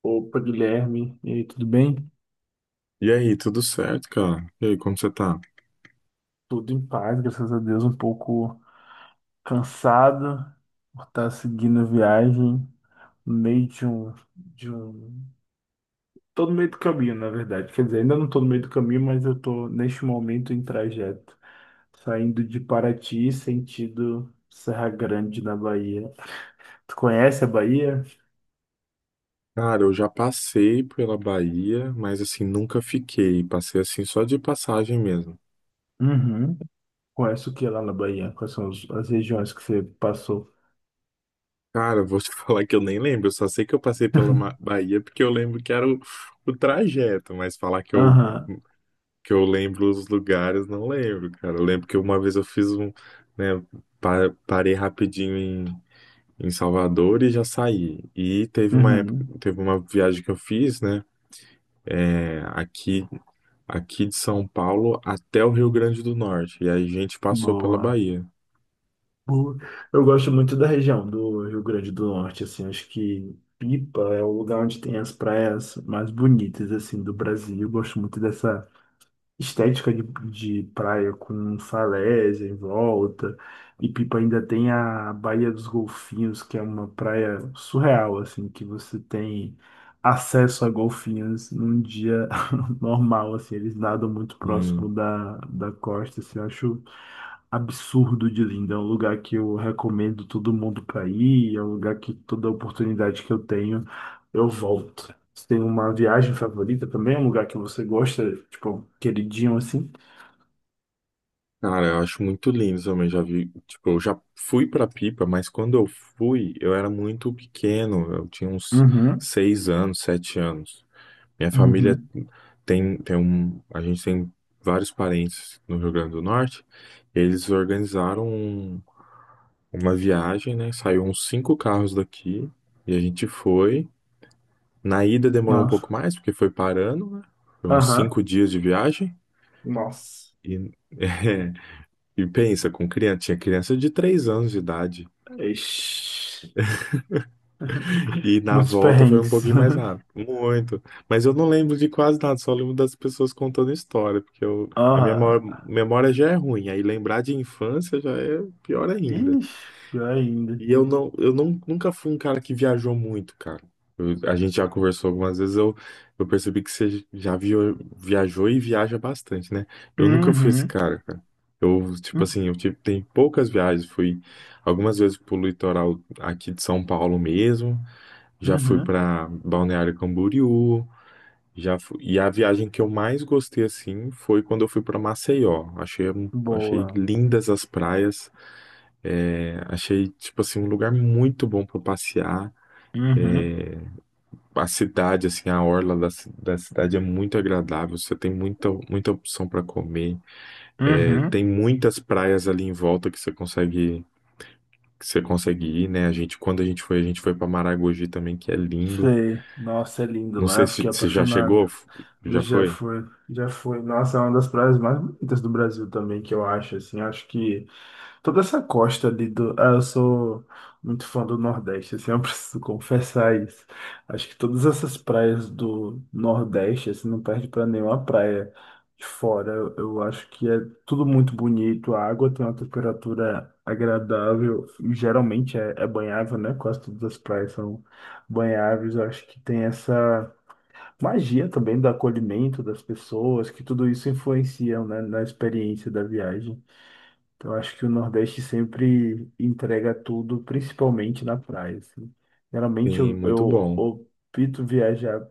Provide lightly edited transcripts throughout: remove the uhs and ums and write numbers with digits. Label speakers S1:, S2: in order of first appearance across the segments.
S1: Opa, Guilherme, e aí, tudo bem?
S2: E aí, tudo certo, cara? E aí, como você tá?
S1: Tudo em paz, graças a Deus, um pouco cansado por estar seguindo a viagem no meio de um... Tô no meio do caminho, na verdade. Quer dizer, ainda não tô no meio do caminho, mas eu tô, neste momento, em trajeto. Saindo de Paraty, sentido Serra Grande, na Bahia. Tu conhece a Bahia?
S2: Cara, eu já passei pela Bahia, mas assim, nunca fiquei. Passei assim só de passagem mesmo.
S1: Uhum. Conhece o que lá na Bahia? Quais são as regiões que você passou?
S2: Cara, eu vou te falar que eu nem lembro. Eu só sei que eu passei pela Bahia porque eu lembro que era o trajeto, mas falar que eu,
S1: Aham.
S2: que eu lembro os lugares, não lembro, cara. Eu lembro que uma vez eu fiz, né, parei rapidinho em Salvador e já saí. E
S1: Uhum.
S2: teve uma viagem que eu fiz, né? é, aqui aqui de São Paulo até o Rio Grande do Norte. E aí a gente passou pela
S1: Boa.
S2: Bahia.
S1: O- Eu gosto muito da região do Rio Grande do Norte, assim, acho que Pipa é o lugar onde tem as praias mais bonitas, assim, do Brasil. Eu gosto muito dessa estética de praia com falésia em volta. E Pipa ainda tem a Baía dos Golfinhos, que é uma praia surreal, assim, que você tem acesso a golfinhos num dia normal, assim, eles nadam muito próximo
S2: Hum,
S1: da costa, assim, eu acho absurdo de lindo. É um lugar que eu recomendo todo mundo para ir, é um lugar que toda oportunidade que eu tenho, eu volto. Você tem uma viagem favorita também? Um lugar que você gosta, tipo, queridinho assim?
S2: Cara, eu acho muito lindo também. Já vi, tipo, eu já fui pra Pipa, mas quando eu fui, eu era muito pequeno. Eu tinha uns
S1: Uhum,
S2: 6 anos, 7 anos. Minha família
S1: uhum.
S2: a gente tem vários parentes no Rio Grande do Norte. Eles organizaram uma viagem, né? Saiu uns cinco carros daqui e a gente foi. Na ida demorou um pouco
S1: Nossa.
S2: mais, porque foi parando, né? Foi uns
S1: Aham.
S2: 5 dias de viagem.
S1: Nossa.
S2: E, é, e pensa, com criança, tinha criança de 3 anos de idade.
S1: Ixi.
S2: E na
S1: Muitos
S2: volta foi um
S1: perrengues.
S2: pouquinho mais rápido. Muito. Mas eu não lembro de quase nada, só lembro das pessoas contando história, porque eu, a minha
S1: Aham.
S2: maior- memória já é ruim. Aí lembrar de infância já é pior ainda.
S1: Ixi, pior ainda.
S2: E eu nunca fui um cara que viajou muito, cara. A gente já conversou algumas vezes, eu percebi que você já viajou e viaja bastante, né? Eu nunca fui esse
S1: Uhum.
S2: cara, cara. Eu, tipo assim, eu tenho poucas viagens, fui algumas vezes pro litoral aqui de São Paulo mesmo, já fui
S1: Uhum.
S2: pra Balneário Camboriú, já fui, e a viagem que eu mais gostei, assim, foi quando eu fui pra Maceió. Achei
S1: Boa.
S2: lindas as praias, achei, tipo assim, um lugar muito bom para passear.
S1: Uhum.
S2: A cidade, assim, a orla da cidade é muito agradável. Você tem muita, muita opção para comer. É,
S1: Uhum.
S2: tem muitas praias ali em volta que você consegue ir, né? A gente, quando a gente foi para Maragogi também, que é lindo.
S1: Sei. Nossa, é lindo
S2: Não
S1: lá.
S2: sei se
S1: Fiquei
S2: você já
S1: apaixonado.
S2: chegou, já
S1: Já
S2: foi?
S1: foi. Já foi. Nossa, é uma das praias mais bonitas do Brasil também, que eu acho, assim. Acho que toda essa costa ali do. Ah, eu sou muito fã do Nordeste, assim, eu preciso confessar isso. Acho que todas essas praias do Nordeste, assim, não perde pra nenhuma praia de fora. Eu acho que é tudo muito bonito, a água tem uma temperatura agradável, e geralmente é banhável, né? Quase todas as praias são banháveis. Eu acho que tem essa magia também do acolhimento das pessoas, que tudo isso influencia, né, na experiência da viagem. Então, eu acho que o Nordeste sempre entrega tudo, principalmente na praia, assim. Geralmente
S2: Sim,
S1: eu,
S2: muito
S1: eu
S2: bom.
S1: opto viajar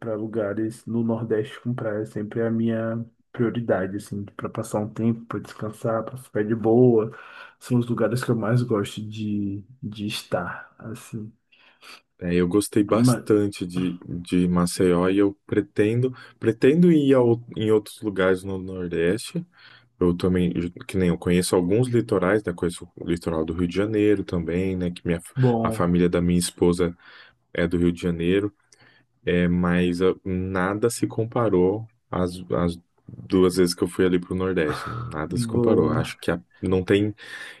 S1: para lugares no Nordeste com praia, sempre é a minha prioridade, assim, para passar um tempo, para descansar, para ficar de boa. São os lugares que eu mais gosto de estar, assim.
S2: É, eu gostei
S1: Mas,
S2: bastante de Maceió e eu pretendo ir em outros lugares no Nordeste. Eu também, que nem eu conheço alguns litorais, né? Conheço o litoral do Rio de Janeiro também, né? A
S1: bom,
S2: família da minha esposa é do Rio de Janeiro, mas nada se comparou às 2 vezes que eu fui ali pro Nordeste. Nada se comparou. Acho
S1: boa,
S2: que não tem.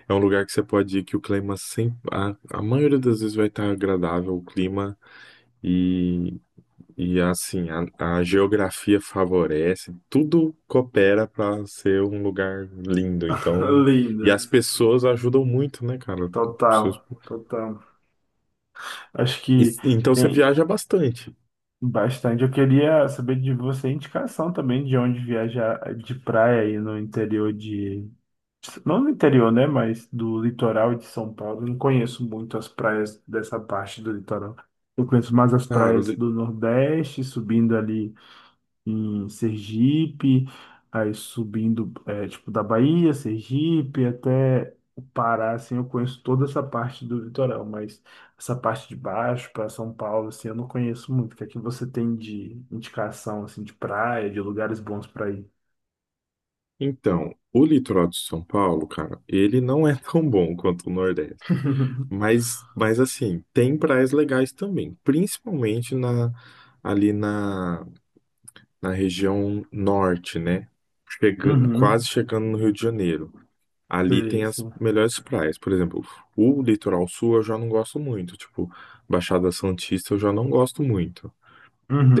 S2: É um lugar que você pode ir que o clima sempre. A maioria das vezes vai estar agradável o clima e assim, a geografia favorece, tudo coopera para ser um lugar lindo. Então, e as
S1: linda,
S2: pessoas ajudam muito, né, cara?
S1: total,
S2: Seus-
S1: total. Acho que
S2: Então você
S1: tem.
S2: viaja bastante.
S1: Bastante. Eu queria saber de você indicação também de onde viajar de praia aí no interior de. Não no interior, né? Mas do litoral de São Paulo. Eu não conheço muito as praias dessa parte do litoral. Eu conheço mais as
S2: Cara,
S1: praias do Nordeste, subindo ali em Sergipe, aí subindo, é, tipo, da Bahia, Sergipe, até o Pará, assim, eu conheço toda essa parte do litoral, mas essa parte de baixo, para São Paulo, assim, eu não conheço muito. O que é que você tem de indicação, assim, de praia, de lugares bons para ir?
S2: então, o litoral de São Paulo, cara, ele não é tão bom quanto o Nordeste. Mas assim, tem praias legais também, principalmente ali na, na região norte, né? Chegando,
S1: Uhum,
S2: quase chegando no Rio de Janeiro. Ali
S1: sei,
S2: tem as
S1: sei.
S2: melhores praias. Por exemplo, o litoral sul eu já não gosto muito. Tipo, Baixada Santista eu já não gosto muito.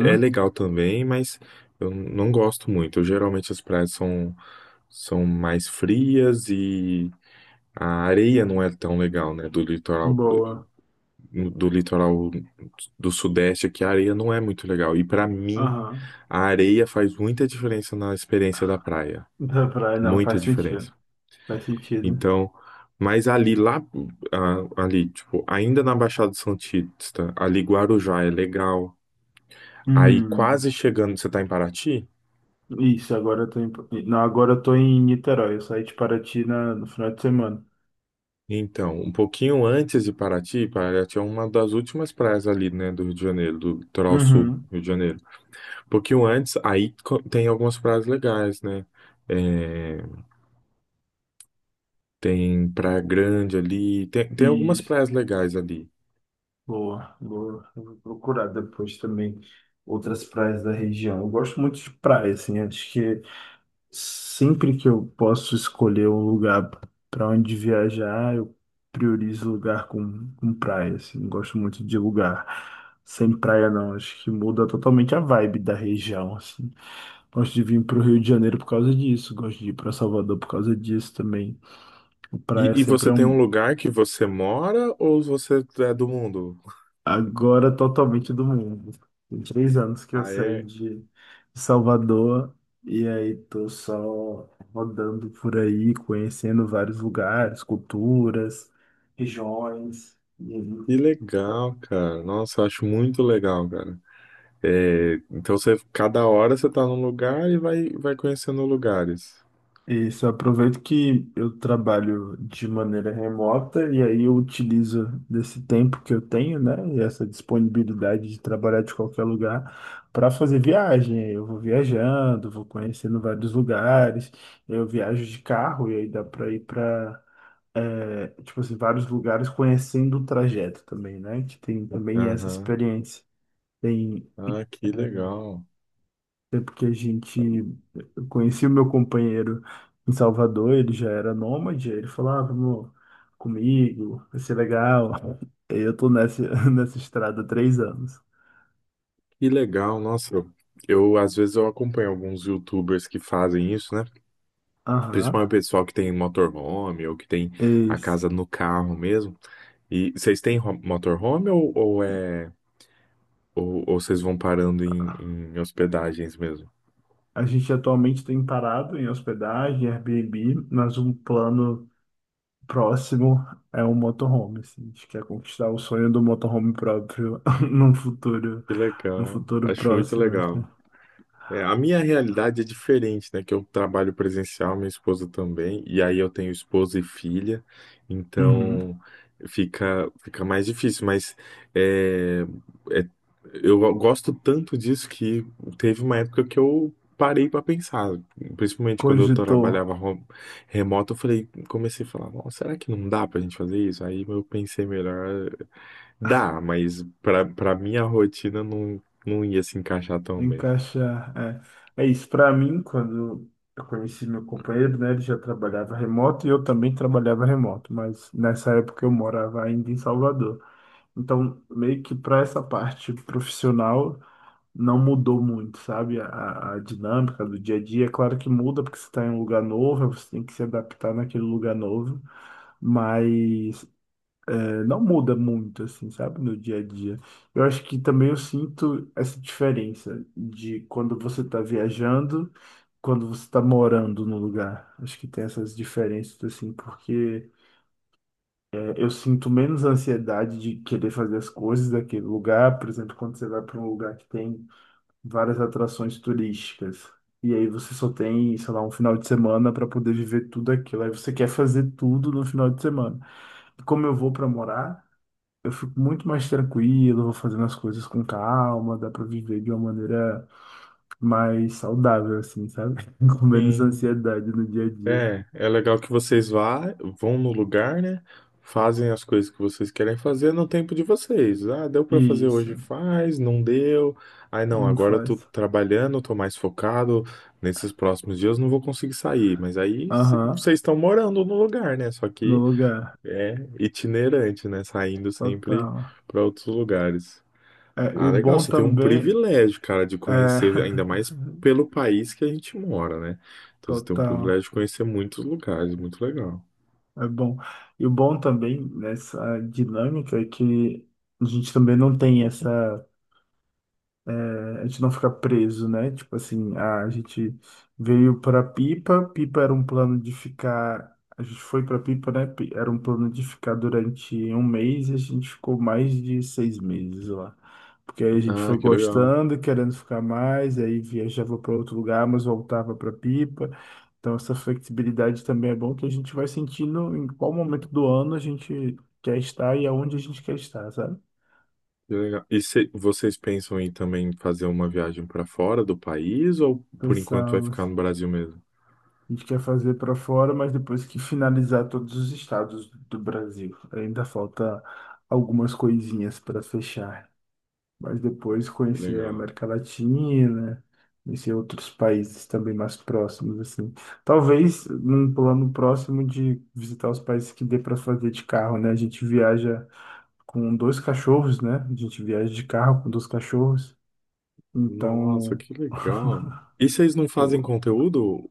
S2: É legal também, mas eu não gosto muito. Geralmente as praias são mais frias e a areia não é tão legal, né? Do litoral
S1: boa.
S2: do litoral do sudeste aqui, a areia não é muito legal. E pra mim,
S1: Aham.
S2: a areia faz muita diferença na experiência da praia.
S1: Da praia, não,
S2: Muita
S1: faz
S2: diferença.
S1: sentido. Faz sentido.
S2: Então, mas ali lá, ali, tipo, ainda na Baixada Santista, ali Guarujá é legal. Aí
S1: Hum.
S2: quase chegando, você tá em Paraty?
S1: Isso, agora eu tô em... Não, agora eu tô em Niterói. Eu saí de Paraty na... no final de semana.
S2: Então, um pouquinho antes de Paraty, Paraty é uma das últimas praias ali, né, do Rio de Janeiro, do litoral sul do
S1: Uhum.
S2: Rio de Janeiro. Um pouquinho antes, aí tem algumas praias legais, né? É, tem Praia Grande ali, tem algumas
S1: Isso.
S2: praias legais ali.
S1: Boa, boa. Eu vou procurar depois também outras praias da região. Eu gosto muito de praia, assim. Acho que sempre que eu posso escolher um lugar para onde viajar, eu priorizo lugar com praia, assim. Eu gosto muito de lugar sem praia, não. Acho que muda totalmente a vibe da região, assim. Gosto de vir para o Rio de Janeiro por causa disso, gosto de ir para Salvador por causa disso também. O praia
S2: E
S1: sempre é
S2: você tem
S1: um.
S2: um lugar que você mora ou você é do mundo?
S1: Agora totalmente do mundo. Tem 3 anos que eu
S2: Ah,
S1: saí
S2: é?
S1: de Salvador e aí tô só rodando por aí, conhecendo vários lugares, culturas, regiões. E aí
S2: Que legal, cara. Nossa, eu acho muito legal, cara. É, então você, cada hora você tá num lugar e vai conhecendo lugares.
S1: isso, eu aproveito que eu trabalho de maneira remota e aí eu utilizo desse tempo que eu tenho, né, e essa disponibilidade de trabalhar de qualquer lugar para fazer viagem. Eu vou viajando, vou conhecendo vários lugares, eu viajo de carro e aí dá para ir para, tipo assim, vários lugares conhecendo o trajeto também, né, que tem também essa
S2: Aham.
S1: experiência. Tem
S2: Ah, que legal.
S1: tempo que a gente eu conheci o meu companheiro em Salvador, ele já era nômade, aí ele falou, ah, vamos comigo, vai ser legal. Aí eu tô nessa, nessa estrada há 3 anos.
S2: Que legal, nossa. Às vezes eu acompanho alguns YouTubers que fazem isso, né?
S1: Aham.
S2: Principalmente o pessoal que tem motorhome ou que tem a
S1: Esse.
S2: casa no carro mesmo. E vocês têm motorhome ou vocês vão parando em hospedagens mesmo?
S1: A gente atualmente tem parado em hospedagem, Airbnb, mas um plano próximo é um motorhome. Assim. A gente quer conquistar o sonho do motorhome próprio num futuro,
S2: Que
S1: num
S2: legal.
S1: futuro
S2: Acho muito
S1: próximo. Assim.
S2: legal. É, a minha realidade é diferente, né? Que eu trabalho presencial, minha esposa também, e aí eu tenho esposa e filha,
S1: Uhum.
S2: então fica mais difícil, mas é, é- eu gosto tanto disso que teve uma época que eu parei para pensar, principalmente quando eu
S1: Cogitou
S2: trabalhava remoto, comecei a falar, "Nossa, será que não dá pra gente fazer isso?" Aí eu pensei melhor, dá, mas para minha rotina não ia se encaixar tão bem.
S1: encaixar, é. É isso, para mim, quando eu conheci meu companheiro, né, ele já trabalhava remoto e eu também trabalhava remoto, mas nessa época eu morava ainda em Salvador. Então, meio que para essa parte profissional não mudou muito, sabe? A dinâmica do dia a dia, é claro que muda porque você está em um lugar novo, você tem que se adaptar naquele lugar novo, mas não muda muito, assim, sabe, no dia a dia. Eu acho que também eu sinto essa diferença de quando você está viajando, quando você está morando no lugar. Acho que tem essas diferenças, assim, porque é, eu sinto menos ansiedade de querer fazer as coisas daquele lugar. Por exemplo, quando você vai para um lugar que tem várias atrações turísticas. E aí você só tem, sei lá, um final de semana para poder viver tudo aquilo. Aí você quer fazer tudo no final de semana. E como eu vou para morar. Eu fico muito mais tranquilo, vou fazendo as coisas com calma, dá pra viver de uma maneira mais saudável, assim, sabe? Com menos
S2: Sim.
S1: ansiedade no dia a dia.
S2: É, é legal que vocês vão no lugar, né? Fazem as coisas que vocês querem fazer no tempo de vocês. Ah, deu pra fazer
S1: Isso,
S2: hoje, faz, não deu. Ai, não,
S1: não
S2: agora eu tô
S1: faz.
S2: trabalhando, tô mais focado. Nesses próximos dias não vou conseguir sair. Mas aí
S1: Aham,
S2: vocês estão morando no lugar, né? Só
S1: no
S2: que
S1: lugar.
S2: é itinerante, né? Saindo sempre
S1: Total.
S2: pra outros lugares.
S1: É, e
S2: Ah,
S1: o
S2: legal.
S1: bom
S2: Você tem um
S1: também
S2: privilégio, cara, de
S1: é.
S2: conhecer, ainda mais pelo país que a gente mora, né? Então você tem um
S1: Total.
S2: privilégio de conhecer muitos lugares, muito legal.
S1: É bom. E o bom também nessa dinâmica é que a gente também não tem essa. A gente não ficar preso, né? Tipo assim, ah, a gente veio para Pipa, Pipa era um plano de ficar. A gente foi para Pipa, né? Era um plano de ficar durante um mês e a gente ficou mais de 6 meses lá. Porque aí a gente foi
S2: Ah, que legal.
S1: gostando, querendo ficar mais, aí viajava para outro lugar, mas voltava para Pipa. Então, essa flexibilidade também é bom que a gente vai sentindo em qual momento do ano a gente quer estar e aonde a gente quer estar, sabe?
S2: Que legal. E vocês pensam em também fazer uma viagem para fora do país ou por enquanto vai ficar
S1: Pensamos.
S2: no Brasil mesmo?
S1: A gente quer fazer para fora, mas depois que finalizar todos os estados do Brasil. Ainda falta algumas coisinhas para fechar. Mas depois
S2: Que
S1: conhecer a
S2: legal.
S1: América Latina, conhecer outros países também mais próximos, assim. Talvez num plano próximo de visitar os países que dê para fazer de carro, né? A gente viaja com dois cachorros, né? A gente viaja de carro com dois cachorros.
S2: Nossa,
S1: Então.
S2: que legal. E vocês não fazem conteúdo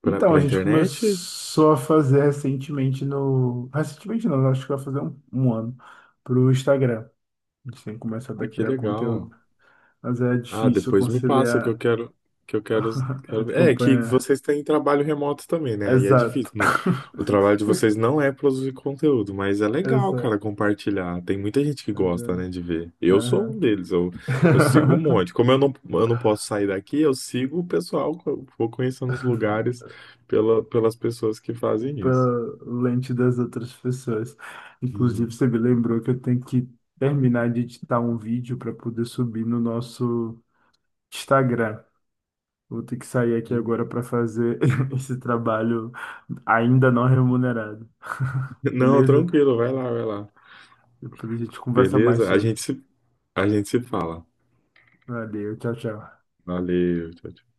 S2: para
S1: Então, a
S2: para
S1: gente
S2: internet?
S1: começou a fazer recentemente no. Recentemente não, acho que vai fazer um ano pro Instagram. A gente tem começado a
S2: Ah, que
S1: criar
S2: legal.
S1: conteúdo. Mas é
S2: Ah,
S1: difícil
S2: depois me passa que eu
S1: conciliar
S2: quero, que eu quero,
S1: a
S2: quero ver. É que
S1: campanha.
S2: vocês têm trabalho remoto também, né? Aí é difícil.
S1: Exato.
S2: O trabalho de vocês não é produzir conteúdo, mas é legal, cara,
S1: Exato.
S2: compartilhar. Tem muita gente que gosta,
S1: Exato.
S2: né, de ver. Eu sou um
S1: Aham.
S2: deles. Eu sigo um monte. Como eu não posso sair daqui, eu sigo o pessoal. Eu vou conhecendo os lugares pelas pessoas que fazem isso.
S1: Pela lente das outras pessoas. Inclusive,
S2: Hum.
S1: você me lembrou que eu tenho que terminar de editar um vídeo para poder subir no nosso Instagram. Vou ter que sair aqui agora para fazer esse trabalho ainda não remunerado.
S2: Não,
S1: Beleza?
S2: tranquilo. Vai lá, vai lá.
S1: Depois a gente conversa mais
S2: Beleza? A gente
S1: sobre.
S2: se, a gente se fala.
S1: Valeu, tchau, tchau.
S2: Valeu. Tchau, tchau.